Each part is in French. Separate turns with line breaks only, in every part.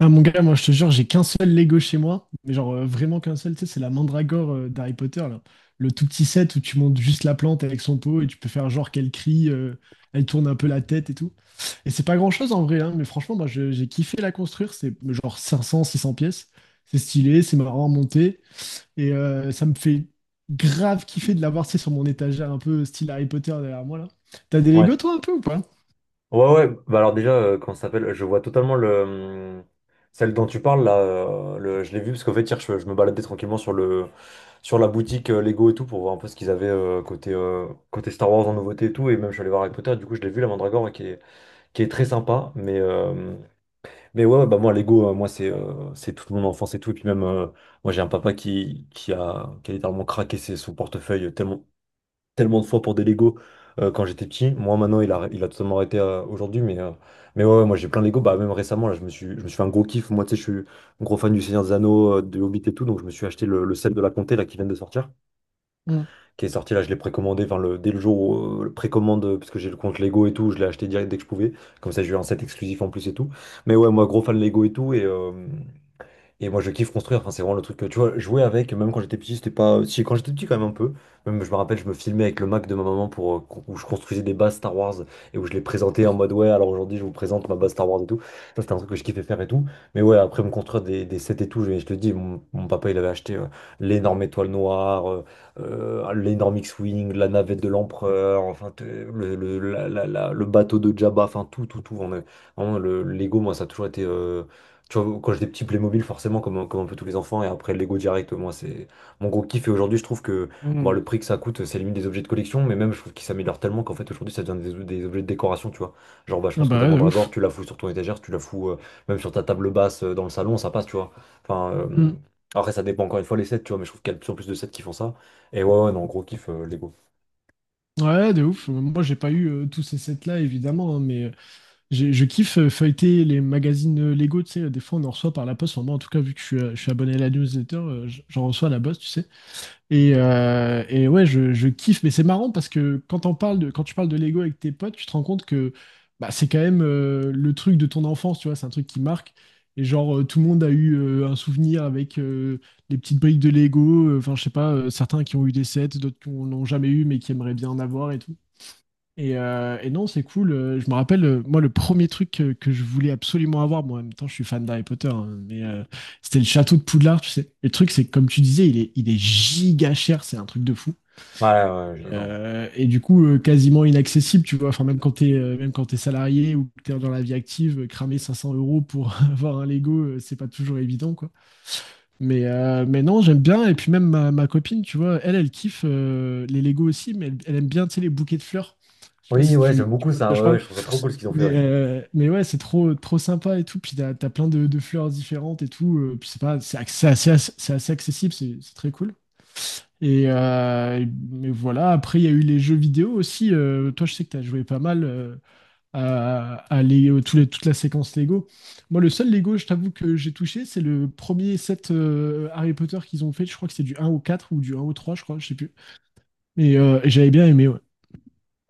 Ah mon gars, moi je te jure, j'ai qu'un seul Lego chez moi, mais genre vraiment qu'un seul, tu sais, c'est la mandragore d'Harry Potter, là. Le tout petit set où tu montes juste la plante avec son pot et tu peux faire genre qu'elle crie, elle tourne un peu la tête et tout. Et c'est pas grand-chose en vrai, hein, mais franchement, j'ai kiffé la construire, c'est genre 500, 600 pièces, c'est stylé, c'est marrant à monter, et ça me fait grave kiffer de l'avoir, tu sais, sur mon étagère un peu style Harry Potter derrière moi, là. T'as des
Ouais.
Lego toi un peu ou pas?
Ouais, ouais. Bah alors déjà, comment ça s'appelle? Je vois totalement le hum, celle dont tu parles là. Je l'ai vu parce qu'en fait hier, je me baladais tranquillement sur le sur la boutique Lego et tout pour voir un peu ce qu'ils avaient côté Star Wars en nouveauté et tout. Et même je suis allé voir Harry Potter. Du coup, je l'ai vu la Mandragore ouais, qui est très sympa. Mais ouais, ouais, bah moi Lego, moi c'est toute mon enfance et tout. Et puis même moi j'ai un papa qui a littéralement craqué son portefeuille tellement tellement de fois pour des Lego quand j'étais petit. Moi maintenant il a totalement arrêté aujourd'hui mais ouais, ouais, moi j'ai plein de Lego. Bah même récemment là je me suis fait un gros kiff. Moi tu sais je suis un gros fan du Seigneur des Anneaux, de Hobbit et tout donc je me suis acheté le set de la Comté là qui vient de sortir.
Hmm.
Qui est sorti là je l'ai précommandé enfin, dès le jour où le précommande parce que j'ai le compte Lego et tout je l'ai acheté direct dès que je pouvais. Comme ça j'ai eu un set exclusif en plus et tout. Mais ouais moi gros fan Lego et tout et moi, je kiffe construire. Enfin, c'est vraiment le truc que tu vois, jouer avec, même quand j'étais petit, c'était pas. Si, quand j'étais petit, quand même un peu. Même, je me rappelle, je me filmais avec le Mac de ma maman pour où je construisais des bases Star Wars et où je les présentais en mode ouais, alors aujourd'hui, je vous présente ma base Star Wars et tout. Ça, c'était un truc que je kiffais faire et tout. Mais ouais, après me construire des sets et tout, je te dis, mon papa, il avait acheté l'énorme étoile noire, l'énorme X-Wing, la navette de l'empereur, enfin, t- le, la- la- la- le bateau de Jabba, enfin, tout, tout, tout. Vraiment, le Lego, moi, ça a toujours été. Tu vois, quand j'ai des petits Playmobil, forcément, comme un peu tous les enfants, et après Lego direct, moi, c'est mon gros kiff. Et aujourd'hui, je trouve que bon,
Hmm.
le prix que ça coûte, c'est limite des objets de collection, mais même, je trouve qu'ils s'améliorent tellement qu'en fait, aujourd'hui, ça devient des objets de décoration, tu vois. Genre, bah, je
Ah
pense que ta
bah ouais, de ouf.
mandragore, tu la fous sur ton étagère, tu la fous même sur ta table basse dans le salon, ça passe, tu vois. Enfin, après, ça dépend encore une fois les sets, tu vois, mais je trouve qu'il y a de plus en plus de sets qui font ça. Et ouais, ouais, non, gros kiff, Lego.
Ouais, de ouf. Moi, j'ai pas eu tous ces sets-là, évidemment, hein, mais je kiffe feuilleter les magazines Lego, tu sais. Des fois, on en reçoit par la poste. Enfin, moi, en tout cas, vu que je suis abonné à la newsletter, j'en reçois à la poste, tu sais. Et ouais, je kiffe. Mais c'est marrant parce que quand tu parles de Lego avec tes potes, tu te rends compte que bah, c'est quand même le truc de ton enfance, tu vois. C'est un truc qui marque. Et genre, tout le monde a eu un souvenir avec... les petites briques de Lego, enfin je sais pas, certains qui ont eu des sets, d'autres qui n'ont jamais eu mais qui aimeraient bien en avoir et tout. Et non, c'est cool. Je me rappelle, moi, le premier truc que je voulais absolument avoir, moi, en même temps, je suis fan d'Harry Potter, hein, mais c'était le château de Poudlard, tu sais. Le truc, c'est que, comme tu disais, il est giga cher, c'est un truc de fou.
Ouais, ouais, ouais, je suis
Et,
d'accord.
euh, et du coup, quasiment inaccessible, tu vois. Enfin, même quand t'es salarié ou que t'es dans la vie active, cramer 500 euros pour avoir un Lego, c'est pas toujours évident, quoi. Mais non, j'aime bien. Et puis même ma copine, tu vois, elle kiffe les Lego aussi, mais elle aime bien, tu sais, les bouquets de fleurs. Je sais pas
Oui,
si
ouais, j'aime
tu
beaucoup
vois de
ça,
quoi je
ouais, ouais,
parle.
je trouve ça trop cool ce qu'ils ont fait,
Mais,
ouais.
euh, mais ouais, c'est trop, trop sympa et tout. Puis t'as plein de fleurs différentes et tout. Puis c'est pas, c'est ac- c'est assez accessible, c'est très cool. Et euh, mais voilà, après il y a eu les jeux vidéo aussi. Toi, je sais que t'as joué pas mal à Lego- toute la séquence Lego. Moi, le seul Lego, je t'avoue que j'ai touché, c'est le premier set Harry Potter qu'ils ont fait. Je crois que c'est du un au 4 ou du un au 3 je crois, je sais plus. Mais j'avais bien aimé, ouais.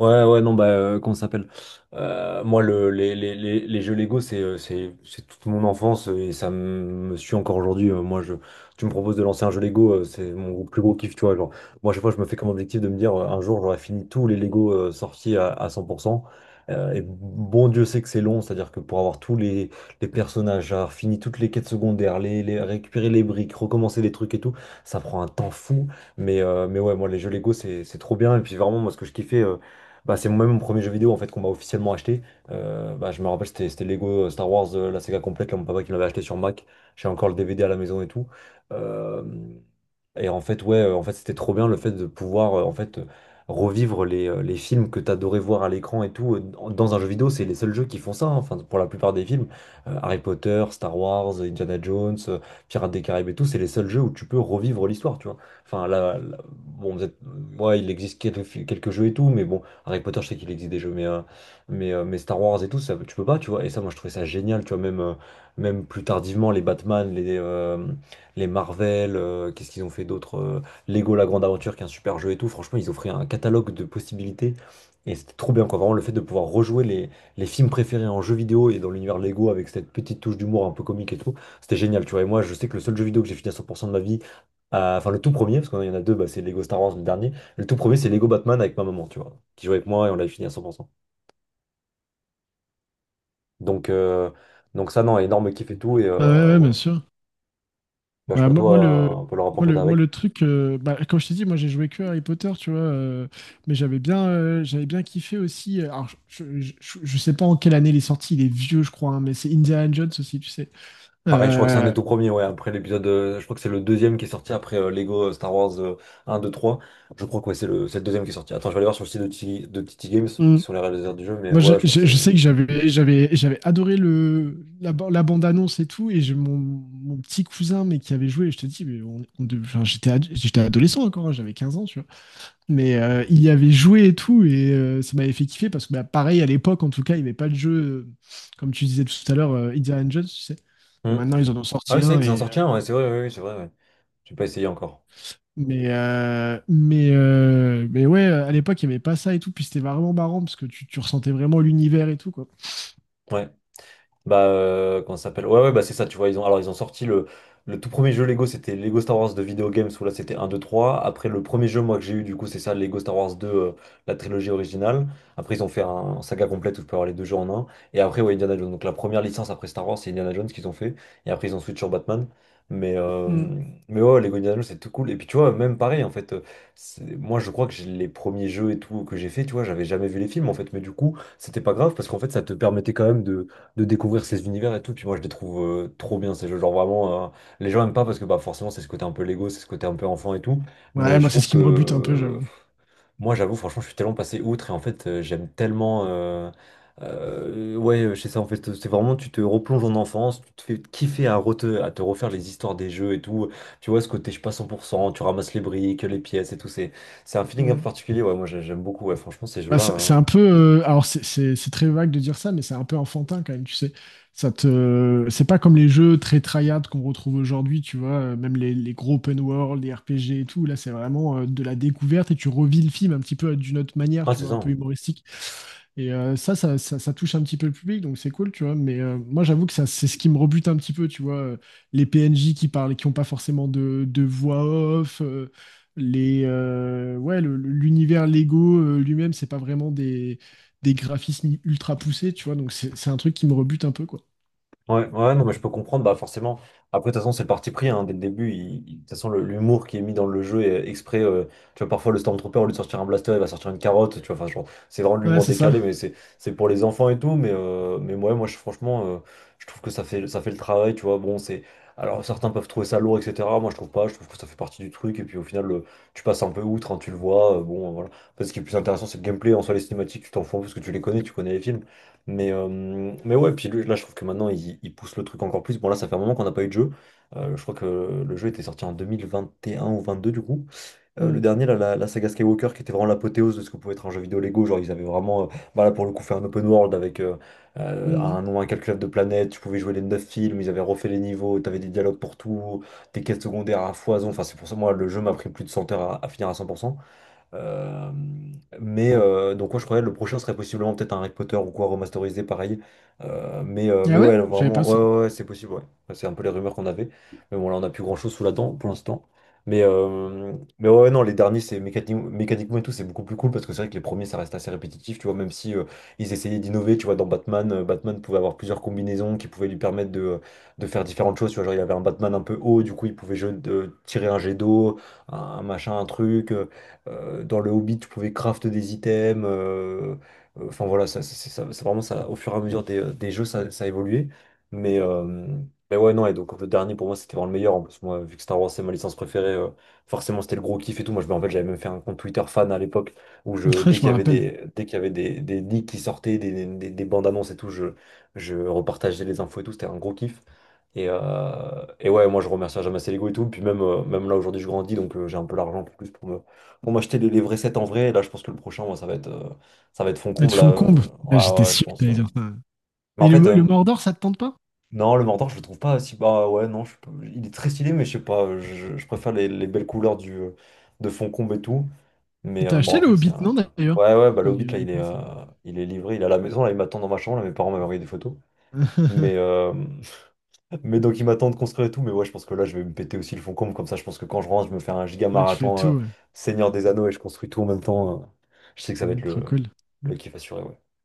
Ouais, ouais, non, bah, comment ça s'appelle? Moi, le, les jeux Lego, c'est toute mon enfance et ça me suit encore aujourd'hui. Moi, tu me proposes de lancer un jeu Lego, c'est mon plus gros kiff, tu vois. Genre, moi, à chaque fois, je me fais comme objectif de me dire, un jour, j'aurai fini tous les Lego sortis à 100%. Et bon Dieu sait que c'est long, c'est-à-dire que pour avoir tous les personnages, avoir fini toutes les quêtes secondaires, récupérer les briques, recommencer les trucs et tout, ça prend un temps fou. Mais ouais, moi, les jeux Lego, c'est trop bien. Et puis, vraiment, moi, ce que je kiffais. Bah, c'est moi-même mon premier jeu vidéo en fait qu'on m'a officiellement acheté. Bah, je me rappelle, c'était Lego Star Wars, la saga complète, là, mon papa qui me l'avait acheté sur Mac. J'ai encore le DVD à la maison et tout. Euh, et en fait, ouais, c'était trop bien le fait de pouvoir en fait revivre les films que t'adorais voir à l'écran et tout dans un jeu vidéo. C'est les seuls jeux qui font ça, hein. Enfin, pour la plupart des films, Harry Potter, Star Wars, Indiana Jones, Pirates des Caraïbes et tout, c'est les seuls jeux où tu peux revivre l'histoire, tu vois. Enfin, là, là, bon, ouais, il existe quelques jeux et tout, mais bon, Harry Potter, je sais qu'il existe des jeux, mais Star Wars et tout, ça, tu peux pas, tu vois. Et ça, moi, je trouvais ça génial, tu vois. Même plus tardivement, les Batman, les Marvel, qu'est-ce qu'ils ont fait d'autre? Lego La Grande Aventure, qui est un super jeu et tout. Franchement, ils offraient un catalogue de possibilités et c'était trop bien, quoi. Vraiment, le fait de pouvoir rejouer les films préférés en jeu vidéo et dans l'univers Lego avec cette petite touche d'humour un peu comique et tout, c'était génial, tu vois. Et moi, je sais que le seul jeu vidéo que j'ai fini à 100% de ma vie, enfin, le tout premier, parce qu'il y en a deux, bah, c'est Lego Star Wars, le dernier. Le tout premier, c'est Lego Batman avec ma maman, tu vois, qui jouait avec moi et on l'avait fini à 100%. Donc, euh, donc ça, non, énorme kiff et tout. Et
Ouais, ouais, bien
ouais.
sûr.
Bah, je sais
Bah,
pas, toi, un peu le rapport que t'as
moi,
avec.
le truc, bah, comme je t'ai dit, moi, j'ai joué que à Harry Potter, tu vois, mais j'avais bien kiffé aussi. Alors, je sais pas en quelle année il est sorti, il est vieux, je crois, hein, mais c'est Indiana Jones aussi, tu sais.
Pareil, je crois que c'est un des
Euh,
tout premiers, ouais, après l'épisode, je crois que c'est le deuxième qui est sorti après Lego Star Wars 1, 2, 3. Je crois que ouais, c'est le deuxième qui est sorti. Attends, je vais aller voir sur le site de TT Games, qui
hum.
sont les réalisateurs du jeu, mais ouais, je crois que
Je
c'est.
sais que j'avais adoré la bande-annonce et tout, et j'ai mon petit cousin, mais qui avait joué, et je te dis, mais enfin, j'étais adolescent encore, hein, j'avais 15 ans, tu vois. Mais il y avait joué et tout, et ça m'avait fait kiffer parce que, bah, pareil, à l'époque, en tout cas, il n'y avait pas de jeu, euh, comme tu disais tout à l'heure, Indiana Jones, tu sais. Bon,
Hmm.
maintenant, ils en ont
Ah
sorti
oui, c'est vrai
un,
qu'ils en
et,
sortent
euh,
un, ouais, c'est vrai, oui, oui, c'est vrai, ouais. J'ai pas essayé encore.
mais, euh, mais, euh, mais ouais, à l'époque, il n'y avait pas ça et tout, puis c'était vraiment marrant parce que tu ressentais vraiment l'univers et tout, quoi.
Ouais. Bah, comment ça s'appelle? Ouais, ouais, bah c'est ça, tu vois. Ils ont, alors, ils ont sorti le tout premier jeu Lego, c'était Lego Star Wars de Video Games, où là c'était un 2 trois. Après, le premier jeu, moi, que j'ai eu, du coup, c'est ça, Lego Star Wars 2, la trilogie originale. Après, ils ont fait saga complète où tu peux avoir les deux jeux en un. Et après, ouais, Indiana Jones. Donc, la première licence après Star Wars, c'est Indiana Jones qu'ils ont fait. Et après, ils ont switch sur Batman. Mais,
Mm.
euh, mais ouais, ouais, Lego Indiana Jones, c'est tout cool. Et puis, tu vois, même pareil, en fait, moi, je crois que les premiers jeux et tout que j'ai fait, tu vois, j'avais jamais vu les films, en fait. Mais du coup, c'était pas grave parce qu'en fait, ça te permettait quand même de découvrir ces univers et tout. Puis moi, je les trouve trop bien ces jeux. Genre vraiment, les gens aiment pas parce que bah, forcément, c'est ce côté un peu Lego, c'est ce côté un peu enfant et tout.
Ouais,
Mais je
moi, c'est
trouve
ce qui
que
me rebute un peu, j'avoue.
moi, j'avoue, franchement, je suis tellement passé outre et en fait, j'aime tellement. Ouais, je sais ça en fait, c'est vraiment tu te replonges en enfance, tu te fais kiffer à te refaire les histoires des jeux et tout. Tu vois ce côté, je suis pas 100%, tu ramasses les briques, les pièces et tout. C'est un feeling un peu
Mm.
particulier. Ouais, moi, j'aime beaucoup. Ouais, franchement, ces
Bah,
jeux-là,
c'est
hein.
un peu. Alors, c'est très vague de dire ça, mais c'est un peu enfantin quand même, tu sais. C'est pas comme les jeux très tryhard qu'on retrouve aujourd'hui, tu vois. Même les gros open world, les RPG et tout. Là, c'est vraiment de la découverte et tu revis le film un petit peu d'une autre manière,
Ah,
tu
c'est
vois,
ça,
un peu
hein.
humoristique. Et ça touche un petit peu le public, donc c'est cool, tu vois. Mais moi, j'avoue que ça, c'est ce qui me rebute un petit peu, tu vois. Les PNJ qui parlent, et qui n'ont pas forcément de voix off, ouais, l'univers Lego lui-même, c'est pas vraiment des graphismes ultra poussés, tu vois. Donc c'est un truc qui me rebute un peu, quoi.
Ouais, ouais, non, mais je peux comprendre, bah forcément. Après, de toute façon, c'est le parti pris, hein, dès le début. De toute façon, l'humour qui est mis dans le jeu est exprès. Tu vois, parfois, le Stormtrooper, au lieu de sortir un blaster, il va sortir une carotte. Tu vois, enfin, genre, c'est vraiment de
Ouais,
l'humour
c'est ça.
décalé, mais c'est pour les enfants et tout. Mais ouais, moi, je, franchement, je trouve que ça fait le travail, tu vois. Bon, c'est. Alors, certains peuvent trouver ça lourd, etc. Moi, je trouve pas. Je trouve que ça fait partie du truc. Et puis, au final, tu passes un peu outre, hein, tu le vois. Bon, voilà. Parce que ce qui est plus intéressant, c'est le gameplay. En soi, les cinématiques, tu t'en fous parce que tu les connais, tu connais les films. Mais, euh, mais ouais, puis lui, là, je trouve que maintenant, il pousse le truc encore plus. Bon, là, ça fait un moment qu'on n'a pas eu de jeu. Je crois que le jeu était sorti en 2021 ou 22 du coup. Le
Mm,
dernier, là, la saga Skywalker, qui était vraiment l'apothéose de ce que pouvait être un jeu vidéo Lego. Genre, ils avaient vraiment, bah, là, pour le coup, fait un open world avec un
mm.
nombre incalculable de planètes. Tu pouvais jouer les 9 films, ils avaient refait les niveaux, t'avais des dialogues pour tout, des quêtes secondaires à foison. Enfin, c'est pour ça, moi, le jeu m'a pris plus de 100 heures à finir à 100%. Euh, donc, moi, je croyais le prochain serait possiblement peut-être un Harry Potter ou quoi, remasterisé pareil. Mais
Ah ouais?
ouais,
Je savais pas
vraiment, ouais,
ça.
ouais, ouais, c'est possible, ouais. Enfin, c'est un peu les rumeurs qu'on avait. Mais bon, là, on n'a plus grand-chose sous la dent pour l'instant. Mais, euh, mais ouais, ouais, non, les derniers, c'est mécaniquement et tout, c'est beaucoup plus cool parce que c'est vrai que les premiers, ça reste assez répétitif, tu vois, même si ils essayaient d'innover, tu vois, dans Batman, Batman pouvait avoir plusieurs combinaisons qui pouvaient lui permettre de faire différentes choses, tu vois, genre il avait un Batman un peu haut, du coup, il pouvait tirer un jet d'eau, un machin, un truc. Dans le Hobbit, tu pouvais craft des items. Enfin voilà, c'est vraiment ça. Au fur et à mesure des jeux, ça a évolué. Mais, euh, mais ouais, non. Et donc le dernier pour moi, c'était vraiment le meilleur. En plus, moi, vu que Star Wars c'est ma licence préférée, forcément c'était le gros kiff et tout. Moi, je, en fait, j'avais même fait un compte Twitter fan à l'époque où je, dès
Je
qu'il y
me
avait
rappelle.
des, dès qu'il y avait des leaks qui sortaient, des bandes annonces et tout, je repartageais les infos et tout. C'était un gros kiff. Et, euh, et ouais, moi je remercie jamais assez l'ego et tout. Puis même, même là aujourd'hui je grandis donc j'ai un peu l'argent pour plus pour me, on m'a acheté les vrais sets en vrai, et là je pense que le prochain, moi, ça va être fond
Elles te
comble, là.
font combe. Là, j'étais
Ouais, ouais, je
sûr que
pense.
t'allais dire ça.
Mais
Et
en fait,
le Mordor, ça te tente pas?
non, le mentor, je le trouve pas si. Bah ouais, non, je- il est très stylé, mais je sais pas, je préfère les belles couleurs du, de fond comble et tout.
T'as
Bon,
acheté le
après, c'est
Hobbit, non,
un.
d'ailleurs?
Ouais, ouais, bah
Parce
le
qu'on
Hobbit,
on
là,
y pense. Ouais.
il est livré, il est à la maison, là, il m'attend dans ma chambre, là, mes parents m'avaient envoyé des photos. Mais, euh, mais donc il m'attend de construire et tout, mais ouais, je pense que là je vais me péter aussi le fond comble, comme ça je pense que quand je rentre, je me fais un giga
Ouais, tu fais
marathon
tout, ouais.
Seigneur des Anneaux et je construis tout en même temps. Je sais que ça va être
Mm, trop cool.
le kiff assuré, ouais.